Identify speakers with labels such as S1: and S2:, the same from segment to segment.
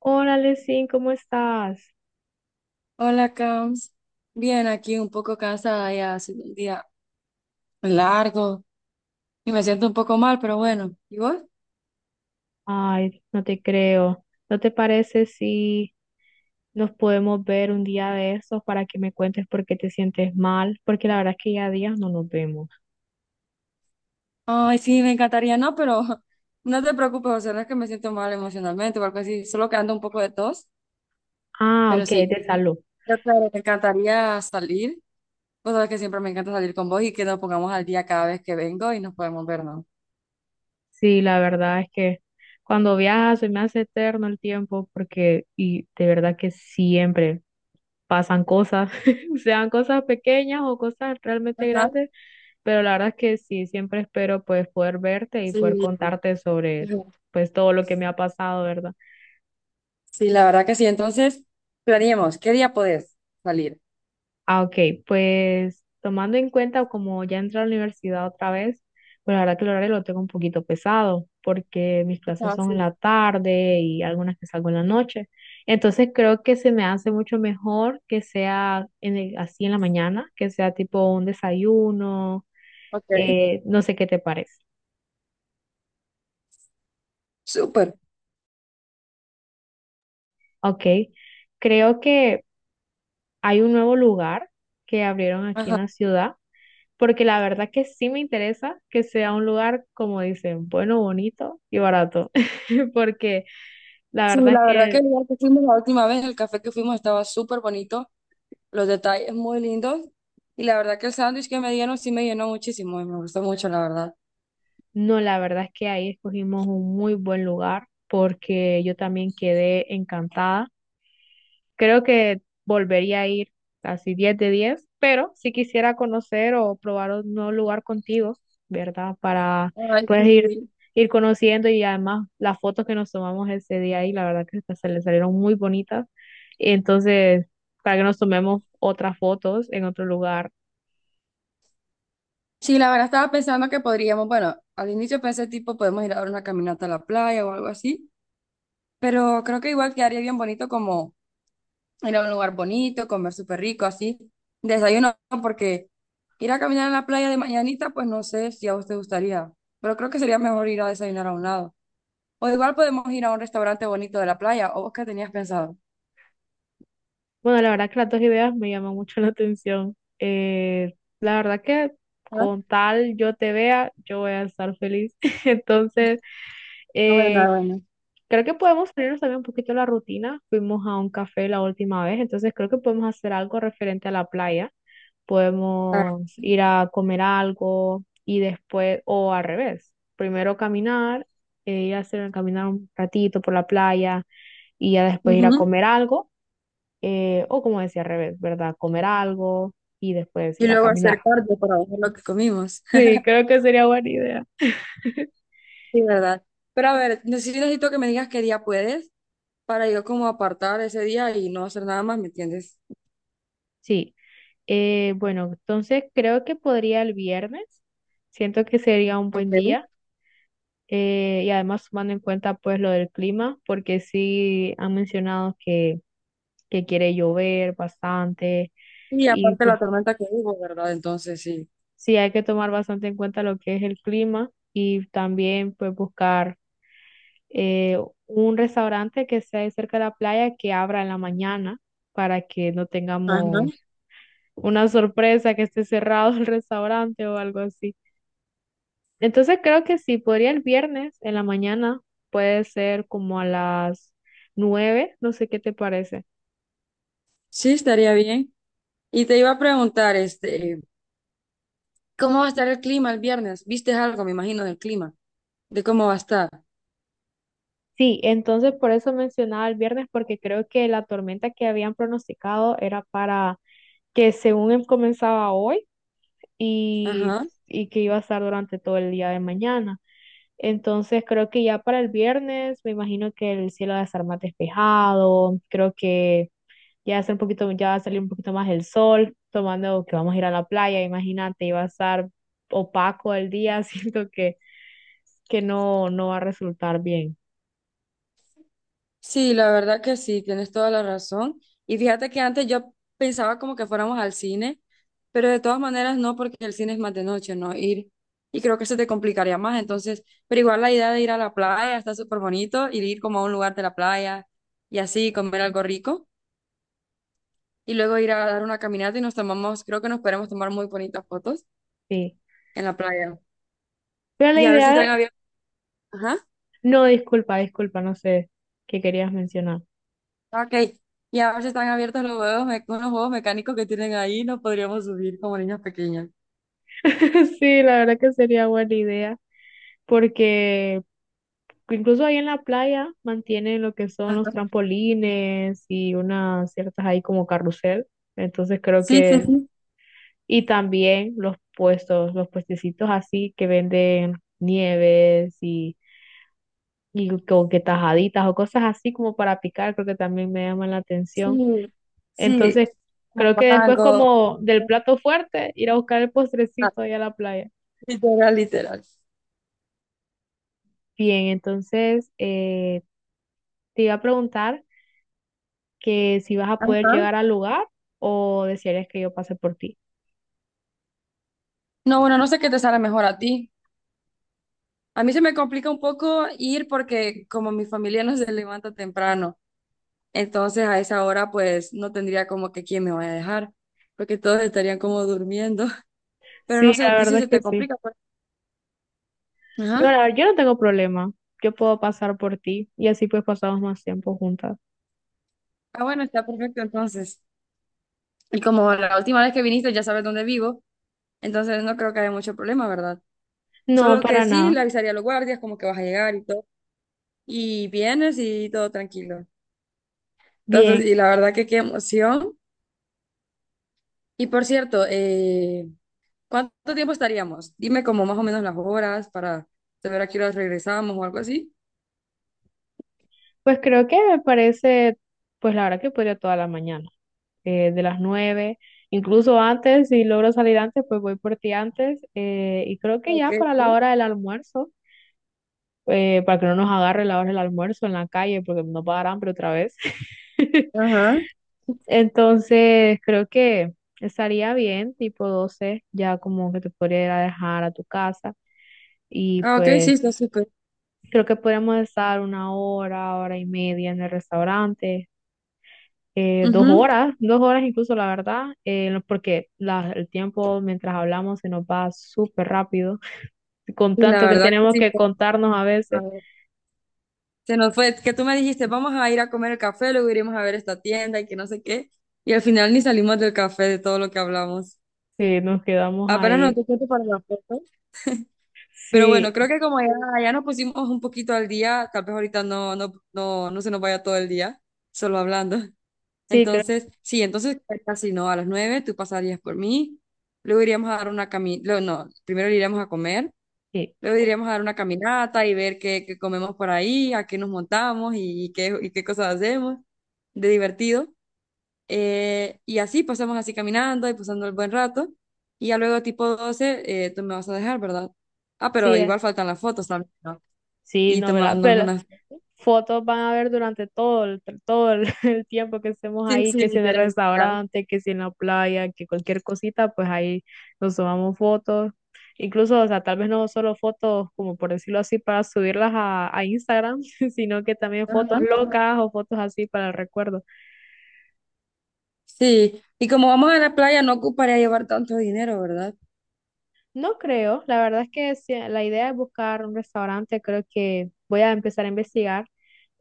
S1: Hola, Lesin, ¿cómo estás?
S2: Hola, Cams. Bien, aquí un poco cansada ya, ha sido un día largo y me siento un poco mal, pero bueno. ¿Y vos?
S1: Ay, no te creo. ¿No te parece si nos podemos ver un día de esos para que me cuentes por qué te sientes mal? Porque la verdad es que ya días no nos vemos.
S2: Ay, sí, me encantaría, no, pero no te preocupes, o sea, no es que me siento mal emocionalmente o algo así, solo que ando un poco de tos,
S1: Ah,
S2: pero
S1: ok, es
S2: sí.
S1: de salud.
S2: Yo, claro, me encantaría salir. Vos sabés que siempre me encanta salir con vos y que nos pongamos al día cada vez que vengo y nos podemos ver, ¿no?
S1: Sí, la verdad es que cuando viajas se me hace eterno el tiempo porque, y de verdad que siempre pasan cosas, sean cosas pequeñas o cosas realmente
S2: Ajá.
S1: grandes. Pero la verdad es que sí, siempre espero pues poder verte y poder
S2: Sí,
S1: contarte sobre
S2: ajá.
S1: pues todo lo que me ha pasado, ¿verdad?
S2: Sí, la verdad que sí. Entonces, planeemos, ¿qué día podés salir?
S1: Ah, ok, pues tomando en cuenta como ya entré a la universidad otra vez, pues la verdad que el horario lo tengo un poquito pesado porque mis clases
S2: Ajá,
S1: son en
S2: sí.
S1: la tarde y algunas que salgo en la noche. Entonces creo que se me hace mucho mejor que sea así en la mañana, que sea tipo un desayuno.
S2: Ok.
S1: No sé qué te parece.
S2: Súper.
S1: Ok, creo que hay un nuevo lugar que abrieron aquí en
S2: Ajá.
S1: la ciudad, porque la verdad que sí me interesa que sea un lugar, como dicen, bueno, bonito y barato, porque la
S2: Sí,
S1: verdad es
S2: la verdad que
S1: que,
S2: el lugar que fuimos la última vez, el café que fuimos estaba súper bonito, los detalles muy lindos y la verdad que el sándwich que me dieron sí me llenó muchísimo y me gustó mucho, la verdad.
S1: no, la verdad es que ahí escogimos un muy buen lugar, porque yo también quedé encantada. Creo que volvería a ir así 10 de 10, pero si quisiera conocer o probar un nuevo lugar contigo, ¿verdad? Para
S2: Ay,
S1: pues ir,
S2: sí.
S1: ir conociendo. Y además las fotos que nos tomamos ese día ahí, la verdad que se le salieron muy bonitas. Y entonces, para que nos tomemos otras fotos en otro lugar.
S2: Sí, la verdad estaba pensando que podríamos, bueno, al inicio pensé tipo podemos ir a dar una caminata a la playa o algo así, pero creo que igual quedaría bien bonito como ir a un lugar bonito, comer súper rico, así, desayuno, porque ir a caminar a la playa de mañanita, pues no sé si a vos te gustaría, pero creo que sería mejor ir a desayunar a un lado. O igual podemos ir a un restaurante bonito de la playa, o vos qué tenías pensado.
S1: Bueno, la verdad que las dos ideas me llaman mucho la atención. La verdad que
S2: Ah,
S1: con tal yo te vea, yo voy a estar feliz. Entonces.
S2: ah, bueno,
S1: Eh,
S2: ah, bueno.
S1: Creo que podemos salirnos también un poquito de la rutina. Fuimos a un café la última vez, entonces creo que podemos hacer algo referente a la playa.
S2: Ah,
S1: Podemos ir a comer algo y después, o al revés, primero caminar, ir a hacer, caminar un ratito por la playa y ya después ir a
S2: ujú.
S1: comer algo, o como decía al revés, ¿verdad? Comer algo y después
S2: Y
S1: ir a
S2: luego
S1: caminar.
S2: hacer cardio para ver lo que comimos.
S1: Sí, creo que sería buena idea.
S2: Sí, ¿verdad? Pero a ver, necesito que me digas qué día puedes para yo como apartar ese día y no hacer nada más, ¿me entiendes?
S1: Sí. Bueno, entonces creo que podría el viernes. Siento que sería un buen
S2: Ok.
S1: día. Y además tomando en cuenta pues lo del clima, porque sí han mencionado que quiere llover bastante.
S2: Y
S1: Y
S2: aparte la
S1: pues
S2: tormenta que hubo, ¿verdad? Entonces sí.
S1: sí hay que tomar bastante en cuenta lo que es el clima y también pues buscar eh, un restaurante que esté cerca de la playa que abra en la mañana para que no
S2: Ajá.
S1: tengamos una sorpresa que esté cerrado el restaurante o algo así. Entonces creo que sí, podría el viernes en la mañana, puede ser como a las 9. No sé qué te parece.
S2: Sí, estaría bien. Y te iba a preguntar, este, ¿cómo va a estar el clima el viernes? ¿Viste algo, me imagino, del clima? De cómo va a estar.
S1: Sí, entonces por eso mencionaba el viernes, porque creo que la tormenta que habían pronosticado era para que según comenzaba hoy y,
S2: Ajá.
S1: y que iba a estar durante todo el día de mañana. Entonces creo que ya para el viernes me imagino que el cielo va a estar más despejado, creo que ya va un poquito, ya va a salir un poquito más el sol. Tomando que vamos a ir a la playa, imagínate, iba a estar opaco el día, siento que no, no va a resultar bien.
S2: Sí, la verdad que sí, tienes toda la razón. Y fíjate que antes yo pensaba como que fuéramos al cine, pero de todas maneras no, porque el cine es más de noche, ¿no? Ir. Y creo que se te complicaría más. Entonces, pero igual la idea de ir a la playa está súper bonito, ir como a un lugar de la playa y así comer algo rico. Y luego ir a dar una caminata y nos tomamos, creo que nos podemos tomar muy bonitas fotos
S1: Sí.
S2: en la playa.
S1: Pero la
S2: Y a ver si están
S1: idea,
S2: abiertos. Ajá,
S1: no, disculpa, disculpa, no sé qué querías mencionar.
S2: ok. Y a ver si están abiertos los juegos, unos juegos mecánicos que tienen ahí, nos podríamos subir como niños pequeños.
S1: Sí, la verdad que sería buena idea, porque incluso ahí en la playa mantienen lo que son los
S2: Ajá.
S1: trampolines y unas ciertas ahí como carrusel, entonces creo
S2: Sí, sí,
S1: que.
S2: sí,
S1: Y también los puestos, los puestecitos así que venden nieves y como que tajaditas o cosas así como para picar, creo que también me llaman la atención.
S2: sí, sí,
S1: Entonces,
S2: como
S1: creo que después
S2: mago,
S1: como del plato fuerte, ir a buscar el
S2: ah,
S1: postrecito ahí a la playa.
S2: literal, literal.
S1: Bien, entonces te iba a preguntar que si vas a poder
S2: Ajá.
S1: llegar al lugar o desearías que yo pase por ti.
S2: No, bueno, no sé qué te sale mejor a ti. A mí se me complica un poco ir porque como mi familia no se levanta temprano, entonces a esa hora pues no tendría como que quién me vaya a dejar, porque todos estarían como durmiendo. Pero no
S1: Sí,
S2: sé, a
S1: la
S2: ti si
S1: verdad es
S2: se te
S1: que sí.
S2: complica, pues.
S1: Digo,
S2: Ajá.
S1: la verdad, yo no tengo problema. Yo puedo pasar por ti y así pues pasamos más tiempo juntas.
S2: Ah, bueno, está perfecto entonces. Y como la última vez que viniste ya sabes dónde vivo, entonces no creo que haya mucho problema, ¿verdad?
S1: No,
S2: Solo que
S1: para
S2: sí,
S1: nada.
S2: le avisaría a los guardias como que vas a llegar y todo. Y vienes y todo tranquilo. Entonces,
S1: Bien.
S2: y la verdad que qué emoción. Y por cierto, ¿cuánto tiempo estaríamos? Dime como más o menos las horas para saber a qué hora regresamos o algo así.
S1: Pues creo que me parece, pues la verdad que podría toda la mañana, de las 9, incluso antes, si logro salir antes, pues voy por ti antes. Y creo que
S2: Ok,
S1: ya para la
S2: ok.
S1: hora del almuerzo, para que no nos agarre la hora del almuerzo en la calle, porque nos va a dar hambre otra vez.
S2: Ajá.
S1: Entonces, creo que estaría bien, tipo 12 ya como que te podría ir a dejar a tu casa. Y
S2: Ah, ok, sí,
S1: pues
S2: está súper.
S1: creo que podríamos estar una hora, hora y media en el restaurante, dos
S2: Ujú.
S1: horas, 2 horas incluso, la verdad, porque el tiempo mientras hablamos se nos va súper rápido, con
S2: Y la
S1: tanto que
S2: verdad que
S1: tenemos
S2: sí.
S1: que
S2: Está
S1: contarnos a veces,
S2: súper. Se nos fue, que tú me dijiste, vamos a ir a comer el café, luego iremos a ver esta tienda y que no sé qué. Y al final ni salimos del café de todo lo que hablamos.
S1: sí, nos quedamos
S2: Apenas nos
S1: ahí.
S2: dio tiempo para la foto. Pero bueno,
S1: Sí,
S2: creo que como ya, ya nos pusimos un poquito al día, tal vez ahorita no, no, no, no se nos vaya todo el día solo hablando.
S1: sí, creo que
S2: Entonces, sí, entonces casi no, a las 9 tú pasarías por mí, luego iríamos a dar una caminata, no, primero iríamos a comer,
S1: sí,
S2: luego iríamos a dar una caminata y ver qué comemos por ahí, a qué nos montamos y qué cosas hacemos de divertido. Y así pasamos así caminando y pasando el buen rato. Y ya luego tipo 12 tú me vas a dejar, ¿verdad? Ah,
S1: sí,
S2: pero igual faltan las fotos también, ¿no?
S1: sí,
S2: Y
S1: no, ¿verdad?
S2: tomarnos
S1: Pero
S2: unas...
S1: fotos van a ver durante todo el tiempo que estemos
S2: Sí,
S1: ahí,
S2: sí,
S1: que si en el
S2: literal, literal.
S1: restaurante, que si en la playa, que cualquier cosita, pues ahí nos tomamos fotos. Incluso, o sea, tal vez no solo fotos, como por decirlo así, para subirlas a Instagram, sino que también fotos
S2: Ajá.
S1: locas o fotos así para el recuerdo.
S2: Sí, y como vamos a la playa, no ocuparía llevar tanto dinero, ¿verdad?
S1: No creo, la verdad es que sí, la idea es buscar un restaurante, creo que voy a empezar a investigar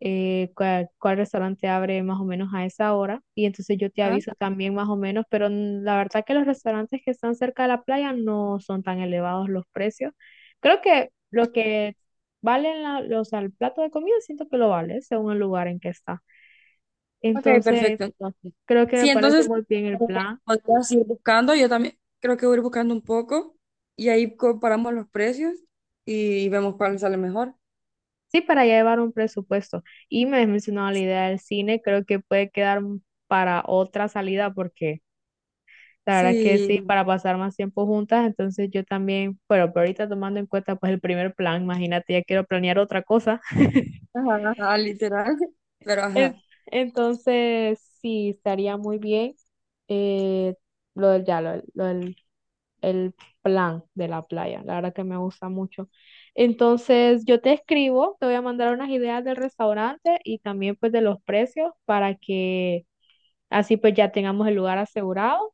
S1: cuál restaurante abre más o menos a esa hora, y entonces yo te
S2: Ajá.
S1: aviso también más o menos, pero la verdad que los restaurantes que están cerca de la playa no son tan elevados los precios. Creo que lo
S2: Okay.
S1: que valen al plato de comida siento que lo vale según el lugar en que está.
S2: Ok,
S1: Entonces,
S2: perfecto, entonces.
S1: creo que
S2: Sí,
S1: me parece
S2: entonces,
S1: muy bien
S2: eh,
S1: el plan.
S2: podrías ir buscando, yo también creo que voy a ir buscando un poco y ahí comparamos los precios y vemos cuál sale mejor.
S1: Sí, para ya llevar un presupuesto. Y me has mencionado la idea del cine, creo que puede quedar para otra salida porque la verdad que sí,
S2: Sí.
S1: para pasar más tiempo juntas, entonces yo también, pero ahorita tomando en cuenta pues el primer plan, imagínate, ya quiero planear otra cosa.
S2: Ajá, ajá, literal. Pero
S1: En-
S2: ajá.
S1: Entonces, sí, estaría muy bien eh, lo del, ya, lo del el plan de la playa, la verdad que me gusta mucho. Entonces, yo te escribo, te voy a mandar unas ideas del restaurante y también pues de los precios para que así pues ya tengamos el lugar asegurado.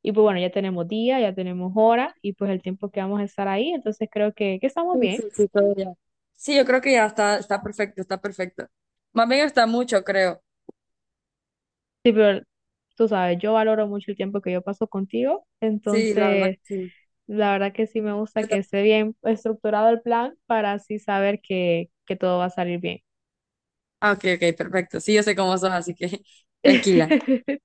S1: Y pues bueno, ya tenemos día, ya tenemos hora y pues el tiempo que vamos a estar ahí, entonces creo que estamos
S2: Sí, sí,
S1: bien.
S2: sí, todo ya. Sí, yo creo que ya está, está perfecto, está perfecto. Más bien está mucho, creo.
S1: Sí, pero tú sabes, yo valoro mucho el tiempo que yo paso contigo,
S2: Sí, la verdad
S1: entonces
S2: que sí.
S1: la verdad que sí me gusta
S2: Yo
S1: que
S2: tam-
S1: esté bien estructurado el plan para así saber que todo va a salir bien.
S2: ah, ok, ok, perfecto. Sí, yo sé cómo sos, así que tranquila.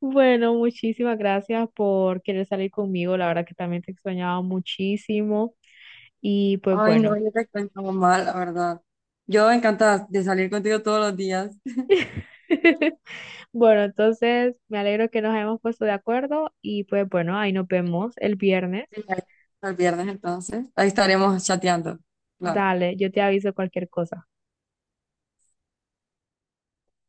S1: Bueno, muchísimas gracias por querer salir conmigo, la verdad que también te extrañaba muchísimo y pues
S2: Ay, no,
S1: bueno.
S2: yo te cuento mal, la verdad. Yo encantada de salir contigo todos los días.
S1: Bueno, entonces me alegro que nos hayamos puesto de acuerdo y pues bueno, ahí nos vemos el viernes.
S2: Hasta el viernes, entonces. Ahí estaremos chateando. Claro.
S1: Dale, yo te aviso cualquier cosa.